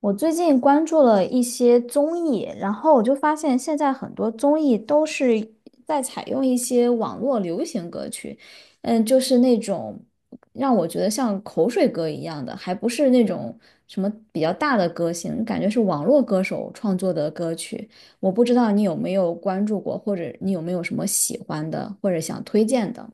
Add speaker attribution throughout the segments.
Speaker 1: 我最近关注了一些综艺，然后我就发现现在很多综艺都是在采用一些网络流行歌曲，就是那种让我觉得像口水歌一样的，还不是那种什么比较大的歌星，感觉是网络歌手创作的歌曲。我不知道你有没有关注过，或者你有没有什么喜欢的，或者想推荐的？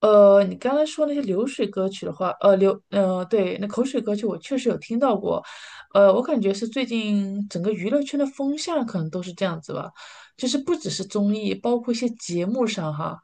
Speaker 2: 你刚才说那些流水歌曲的话，对，那口水歌曲我确实有听到过。我感觉是最近整个娱乐圈的风向可能都是这样子吧，就是不只是综艺，包括一些节目上哈。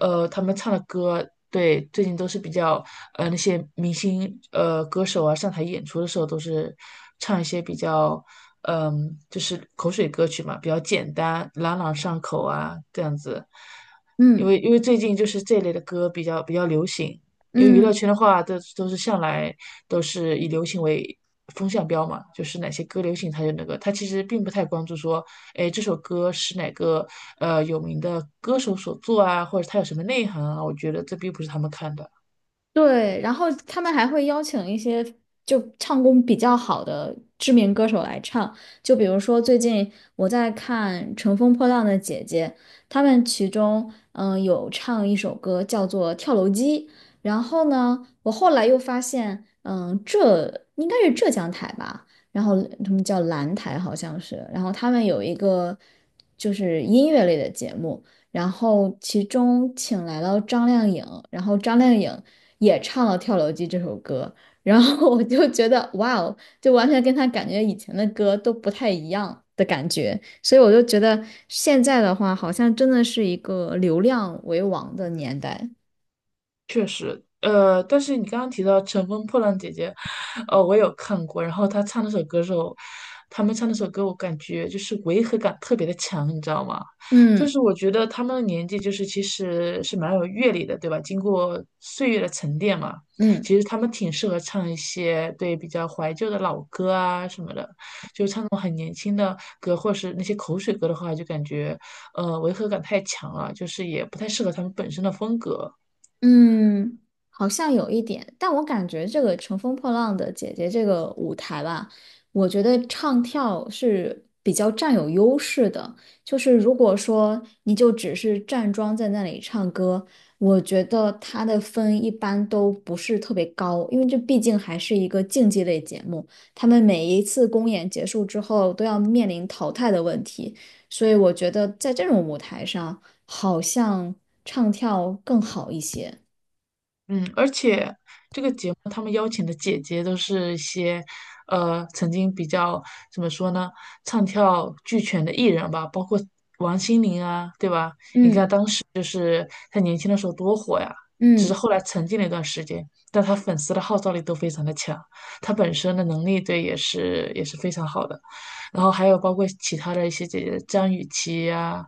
Speaker 2: 他们唱的歌，对，最近都是比较那些明星，歌手啊，上台演出的时候都是唱一些比较，嗯、就是口水歌曲嘛，比较简单，朗朗上口啊，这样子。因
Speaker 1: 嗯。
Speaker 2: 为因为最近就是这类的歌比较流行，因为娱乐
Speaker 1: 嗯，
Speaker 2: 圈的话，都是向来都是以流行为风向标嘛，就是哪些歌流行，他就那个，他其实并不太关注说，哎，这首歌是哪个有名的歌手所作啊，或者他有什么内涵啊，我觉得这并不是他们看的。
Speaker 1: 对，然后他们还会邀请一些就唱功比较好的知名歌手来唱，就比如说最近我在看《乘风破浪的姐姐》，他们其中有唱一首歌叫做《跳楼机》，然后呢，我后来又发现，应该是浙江台吧，然后他们叫蓝台好像是，然后他们有一个就是音乐类的节目。然后其中请来了张靓颖，然后张靓颖也唱了《跳楼机》这首歌，然后我就觉得哇哦，就完全跟她感觉以前的歌都不太一样的感觉，所以我就觉得现在的话，好像真的是一个流量为王的年代。
Speaker 2: 但是你刚刚提到《乘风破浪》姐姐，我有看过，然后她唱那首歌的时候，他们唱那首歌，我感觉就是违和感特别的强，你知道吗？就
Speaker 1: 嗯
Speaker 2: 是我觉得他们的年纪就是其实是蛮有阅历的，对吧？经过岁月的沉淀嘛，
Speaker 1: 嗯。
Speaker 2: 其实他们挺适合唱一些对比较怀旧的老歌啊什么的，就唱那种很年轻的歌，或是那些口水歌的话，就感觉违和感太强了，就是也不太适合他们本身的风格。
Speaker 1: 嗯，好像有一点，但我感觉这个《乘风破浪的姐姐》这个舞台吧，我觉得唱跳是比较占有优势的。就是如果说你就只是站桩在那里唱歌，我觉得它的分一般都不是特别高，因为这毕竟还是一个竞技类节目，他们每一次公演结束之后都要面临淘汰的问题，所以我觉得在这种舞台上，好像唱跳更好一些。
Speaker 2: 嗯，而且这个节目他们邀请的姐姐都是一些，呃，曾经比较怎么说呢，唱跳俱全的艺人吧，包括王心凌啊，对吧？你看
Speaker 1: 嗯
Speaker 2: 当时就是她年轻的时候多火呀，只是
Speaker 1: 嗯
Speaker 2: 后来沉寂了一段时间，但她粉丝的号召力都非常的强，她本身的能力对也是非常好的。然后还有包括其他的一些姐姐，张雨绮呀、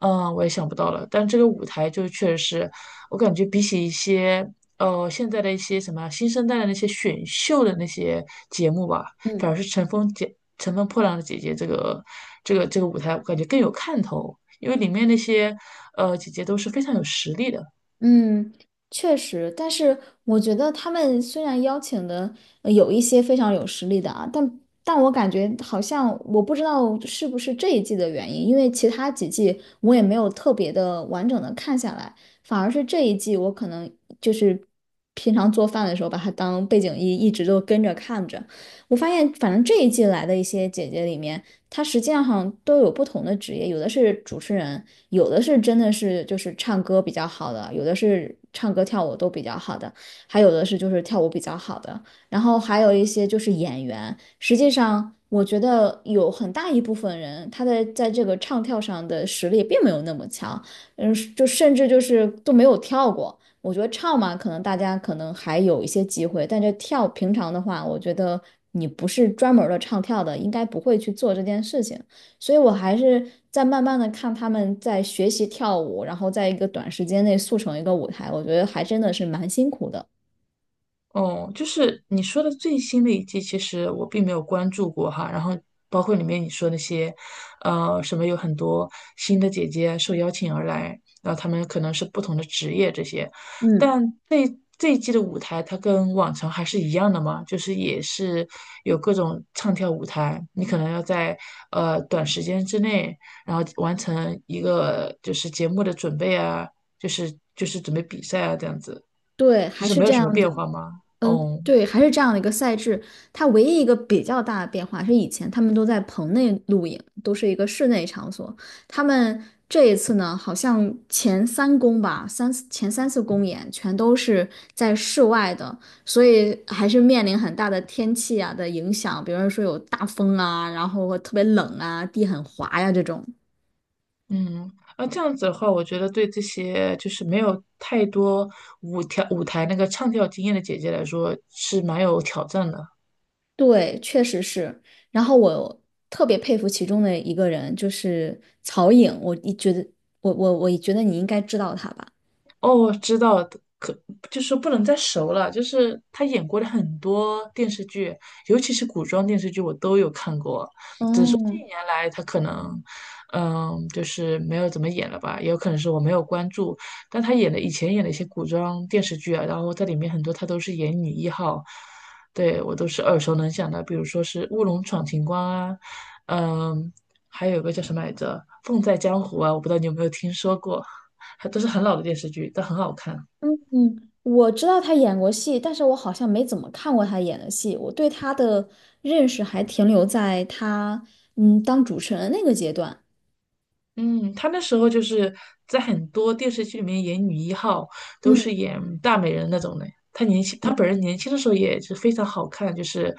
Speaker 2: 嗯，我也想不到了。但这个舞台就确实是，我感觉比起一些现在的一些什么新生代的那些选秀的那些节目吧，反而
Speaker 1: 嗯
Speaker 2: 是《乘风破浪的姐姐》这个这个舞台，我感觉更有看头，因为里面那些姐姐都是非常有实力的。
Speaker 1: 嗯，确实，但是我觉得他们虽然邀请的有一些非常有实力的啊，但我感觉好像我不知道是不是这一季的原因，因为其他几季我也没有特别的完整的看下来，反而是这一季我可能就是平常做饭的时候把它当背景音一直都跟着看着，我发现反正这一季来的一些姐姐里面。她实际上好像都有不同的职业，有的是主持人，有的是真的是就是唱歌比较好的，有的是唱歌跳舞都比较好的，还有的是就是跳舞比较好的，然后还有一些就是演员。实际上，我觉得有很大一部分人他的在这个唱跳上的实力并没有那么强，就甚至就是都没有跳过。我觉得唱嘛，可能大家可能还有一些机会，但这跳平常的话，我觉得你不是专门儿的唱跳的，应该不会去做这件事情。所以我还是在慢慢的看他们在学习跳舞，然后在一个短时间内速成一个舞台，我觉得还真的是蛮辛苦的。
Speaker 2: 哦，就是你说的最新的一季，其实我并没有关注过哈。然后包括里面你说那些，什么有很多新的姐姐受邀请而来，然后她们可能是不同的职业这些。
Speaker 1: 嗯，
Speaker 2: 但这这一季的舞台，它跟往常还是一样的嘛，就是也是有各种唱跳舞台，你可能要在短时间之内，然后完成一个就是节目的准备啊，就是准备比赛啊这样子。
Speaker 1: 对，
Speaker 2: 就
Speaker 1: 还
Speaker 2: 是
Speaker 1: 是
Speaker 2: 没
Speaker 1: 这
Speaker 2: 有什么
Speaker 1: 样
Speaker 2: 变
Speaker 1: 子。
Speaker 2: 化吗？
Speaker 1: 嗯，
Speaker 2: 哦，
Speaker 1: 对，还是这样的一个赛制。它唯一一个比较大的变化是，以前他们都在棚内露营，都是一个室内场所。他们这一次呢，好像前三公吧，三次前三次公演全都是在室外的，所以还是面临很大的天气啊的影响，比如说有大风啊，然后特别冷啊，地很滑呀、这种。
Speaker 2: 嗯，那这样子的话，我觉得对这些就是没有太多舞跳舞台那个唱跳经验的姐姐来说是蛮有挑战的。
Speaker 1: 对，确实是。然后我特别佩服其中的一个人，就是曹颖。我觉得你应该知道他吧？
Speaker 2: 哦，知道的可就是不能再熟了，就是她演过的很多电视剧，尤其是古装电视剧，我都有看过。
Speaker 1: 嗯
Speaker 2: 近年来他可能，嗯，就是没有怎么演了吧，也有可能是我没有关注。但他演的以前演的一些古装电视剧啊，然后在里面很多他都是演女一号，对我都是耳熟能详的，比如说是《乌龙闯情关》啊，嗯，还有一个叫什么来着，《凤在江湖》啊，我不知道你有没有听说过，还都是很老的电视剧，但很好看。
Speaker 1: 嗯，嗯，我知道他演过戏，但是我好像没怎么看过他演的戏。我对他的认识还停留在他当主持人那个阶段。
Speaker 2: 嗯，她那时候就是在很多电视剧里面演女一号，都
Speaker 1: 嗯
Speaker 2: 是演大美人那种的。她年轻，她本人
Speaker 1: 嗯，
Speaker 2: 年轻的时候也是非常好看，就是，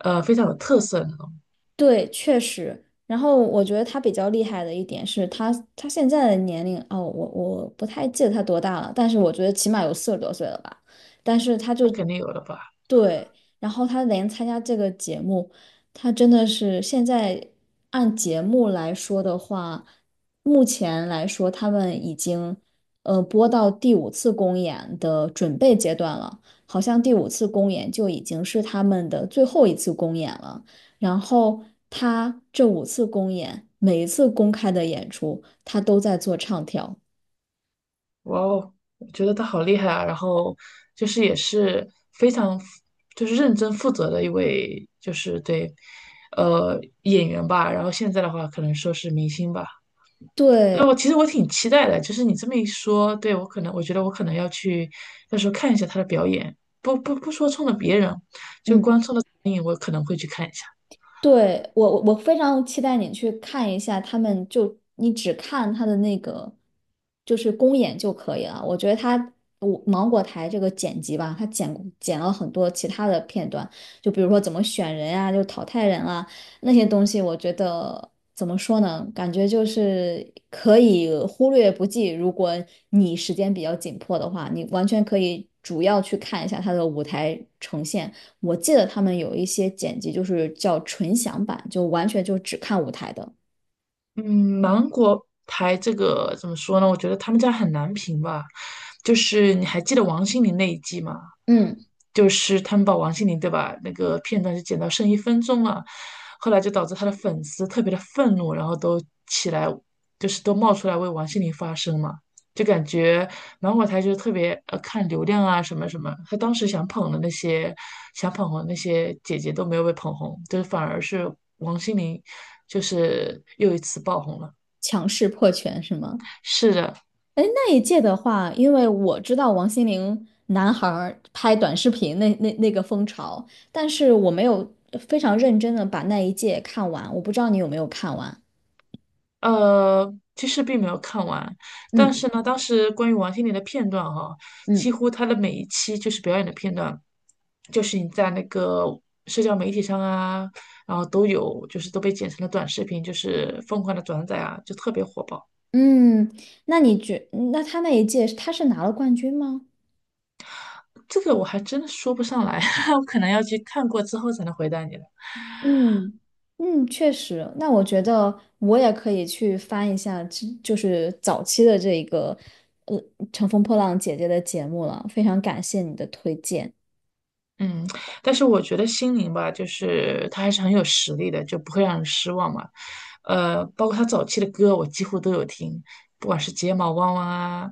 Speaker 2: 非常有特色那种。
Speaker 1: 对，确实。然后我觉得他比较厉害的一点是他，他现在的年龄哦，我我不太记得他多大了，但是我觉得起码有四十多岁了吧。但是他就
Speaker 2: 那肯定有了吧？
Speaker 1: 对，然后他连参加这个节目，他真的是现在按节目来说的话，目前来说他们已经播到第五次公演的准备阶段了，好像第五次公演就已经是他们的最后一次公演了。然后他这五次公演，每一次公开的演出，他都在做唱跳。
Speaker 2: 哇哦，我觉得她好厉害啊！然后就是也是非常就是认真负责的一位，就是对，演员吧。然后现在的话，可能说是明星吧。那
Speaker 1: 对，
Speaker 2: 我其实我挺期待的，就是你这么一说，对，我可能我觉得我可能要去，到时候看一下他的表演，不说冲着别人，就
Speaker 1: 嗯。
Speaker 2: 光冲着电影，我可能会去看一下。
Speaker 1: 对，我非常期待你去看一下他们就你只看他的那个就是公演就可以了。我觉得他我芒果台这个剪辑吧，他剪了很多其他的片段，就比如说怎么选人啊，就淘汰人啊那些东西，我觉得怎么说呢？感觉就是可以忽略不计。如果你时间比较紧迫的话，你完全可以主要去看一下他的舞台呈现。我记得他们有一些剪辑就是叫纯享版，就完全就只看舞台的。
Speaker 2: 嗯，芒果台这个怎么说呢？我觉得他们家很难评吧，就是你还记得王心凌那一季吗？
Speaker 1: 嗯，
Speaker 2: 就是他们把王心凌对吧那个片段就剪到剩一分钟了，后来就导致他的粉丝特别的愤怒，然后都起来，就是都冒出来为王心凌发声嘛。就感觉然后我才就是特别看流量啊什么什么，他当时想捧的那些想捧红的那些姐姐都没有被捧红，就是反而是王心凌，就是又一次爆红了。
Speaker 1: 强势破圈是吗？
Speaker 2: 是的。
Speaker 1: 哎，那一届的话，因为我知道王心凌男孩儿拍短视频那个风潮，但是我没有非常认真的把那一届看完，我不知道你有没有看完。
Speaker 2: 其实并没有看完，但
Speaker 1: 嗯
Speaker 2: 是呢，当时关于王心凌的片段哈、几
Speaker 1: 嗯
Speaker 2: 乎她的每一期就是表演的片段，就是你在那个社交媒体上啊，然后都有，就是都被剪成了短视频，就是疯狂的转载啊，就特别火爆。
Speaker 1: 嗯，那你觉，那他那一届他是拿了冠军吗？
Speaker 2: 这个我还真的说不上来，我可能要去看过之后才能回答你了。
Speaker 1: 嗯嗯，确实。那我觉得我也可以去翻一下就是早期的这一个呃《乘风破浪姐姐》的节目了。非常感谢你的推荐。
Speaker 2: 嗯，但是我觉得心灵吧，就是他还是很有实力的，就不会让人失望嘛。包括他早期的歌，我几乎都有听，不管是睫毛弯弯啊，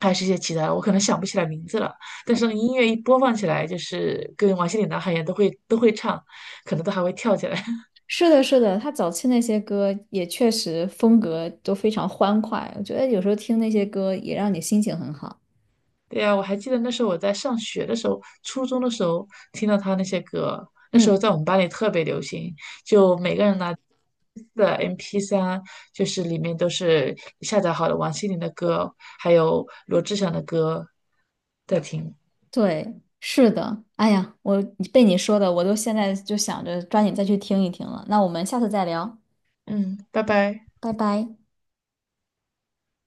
Speaker 2: 还是一些其他的，我可能想不起来名字了。但是音乐一播放起来，就是跟王心凌、男孩一样，都会唱，可能都还会跳起来。
Speaker 1: 是的，是的，她早期那些歌也确实风格都非常欢快，我觉得有时候听那些歌也让你心情很好。
Speaker 2: 对呀，我还记得那时候我在上学的时候，初中的时候听到他那些歌，那时候
Speaker 1: 嗯，
Speaker 2: 在我们班里特别流行，就每个人拿的 MP3,就是里面都是下载好的王心凌的歌，还有罗志祥的歌在听。
Speaker 1: 对，是的。哎呀，我被你说的，我都现在就想着抓紧再去听一听了。那我们下次再聊，
Speaker 2: 嗯，拜拜。
Speaker 1: 拜拜。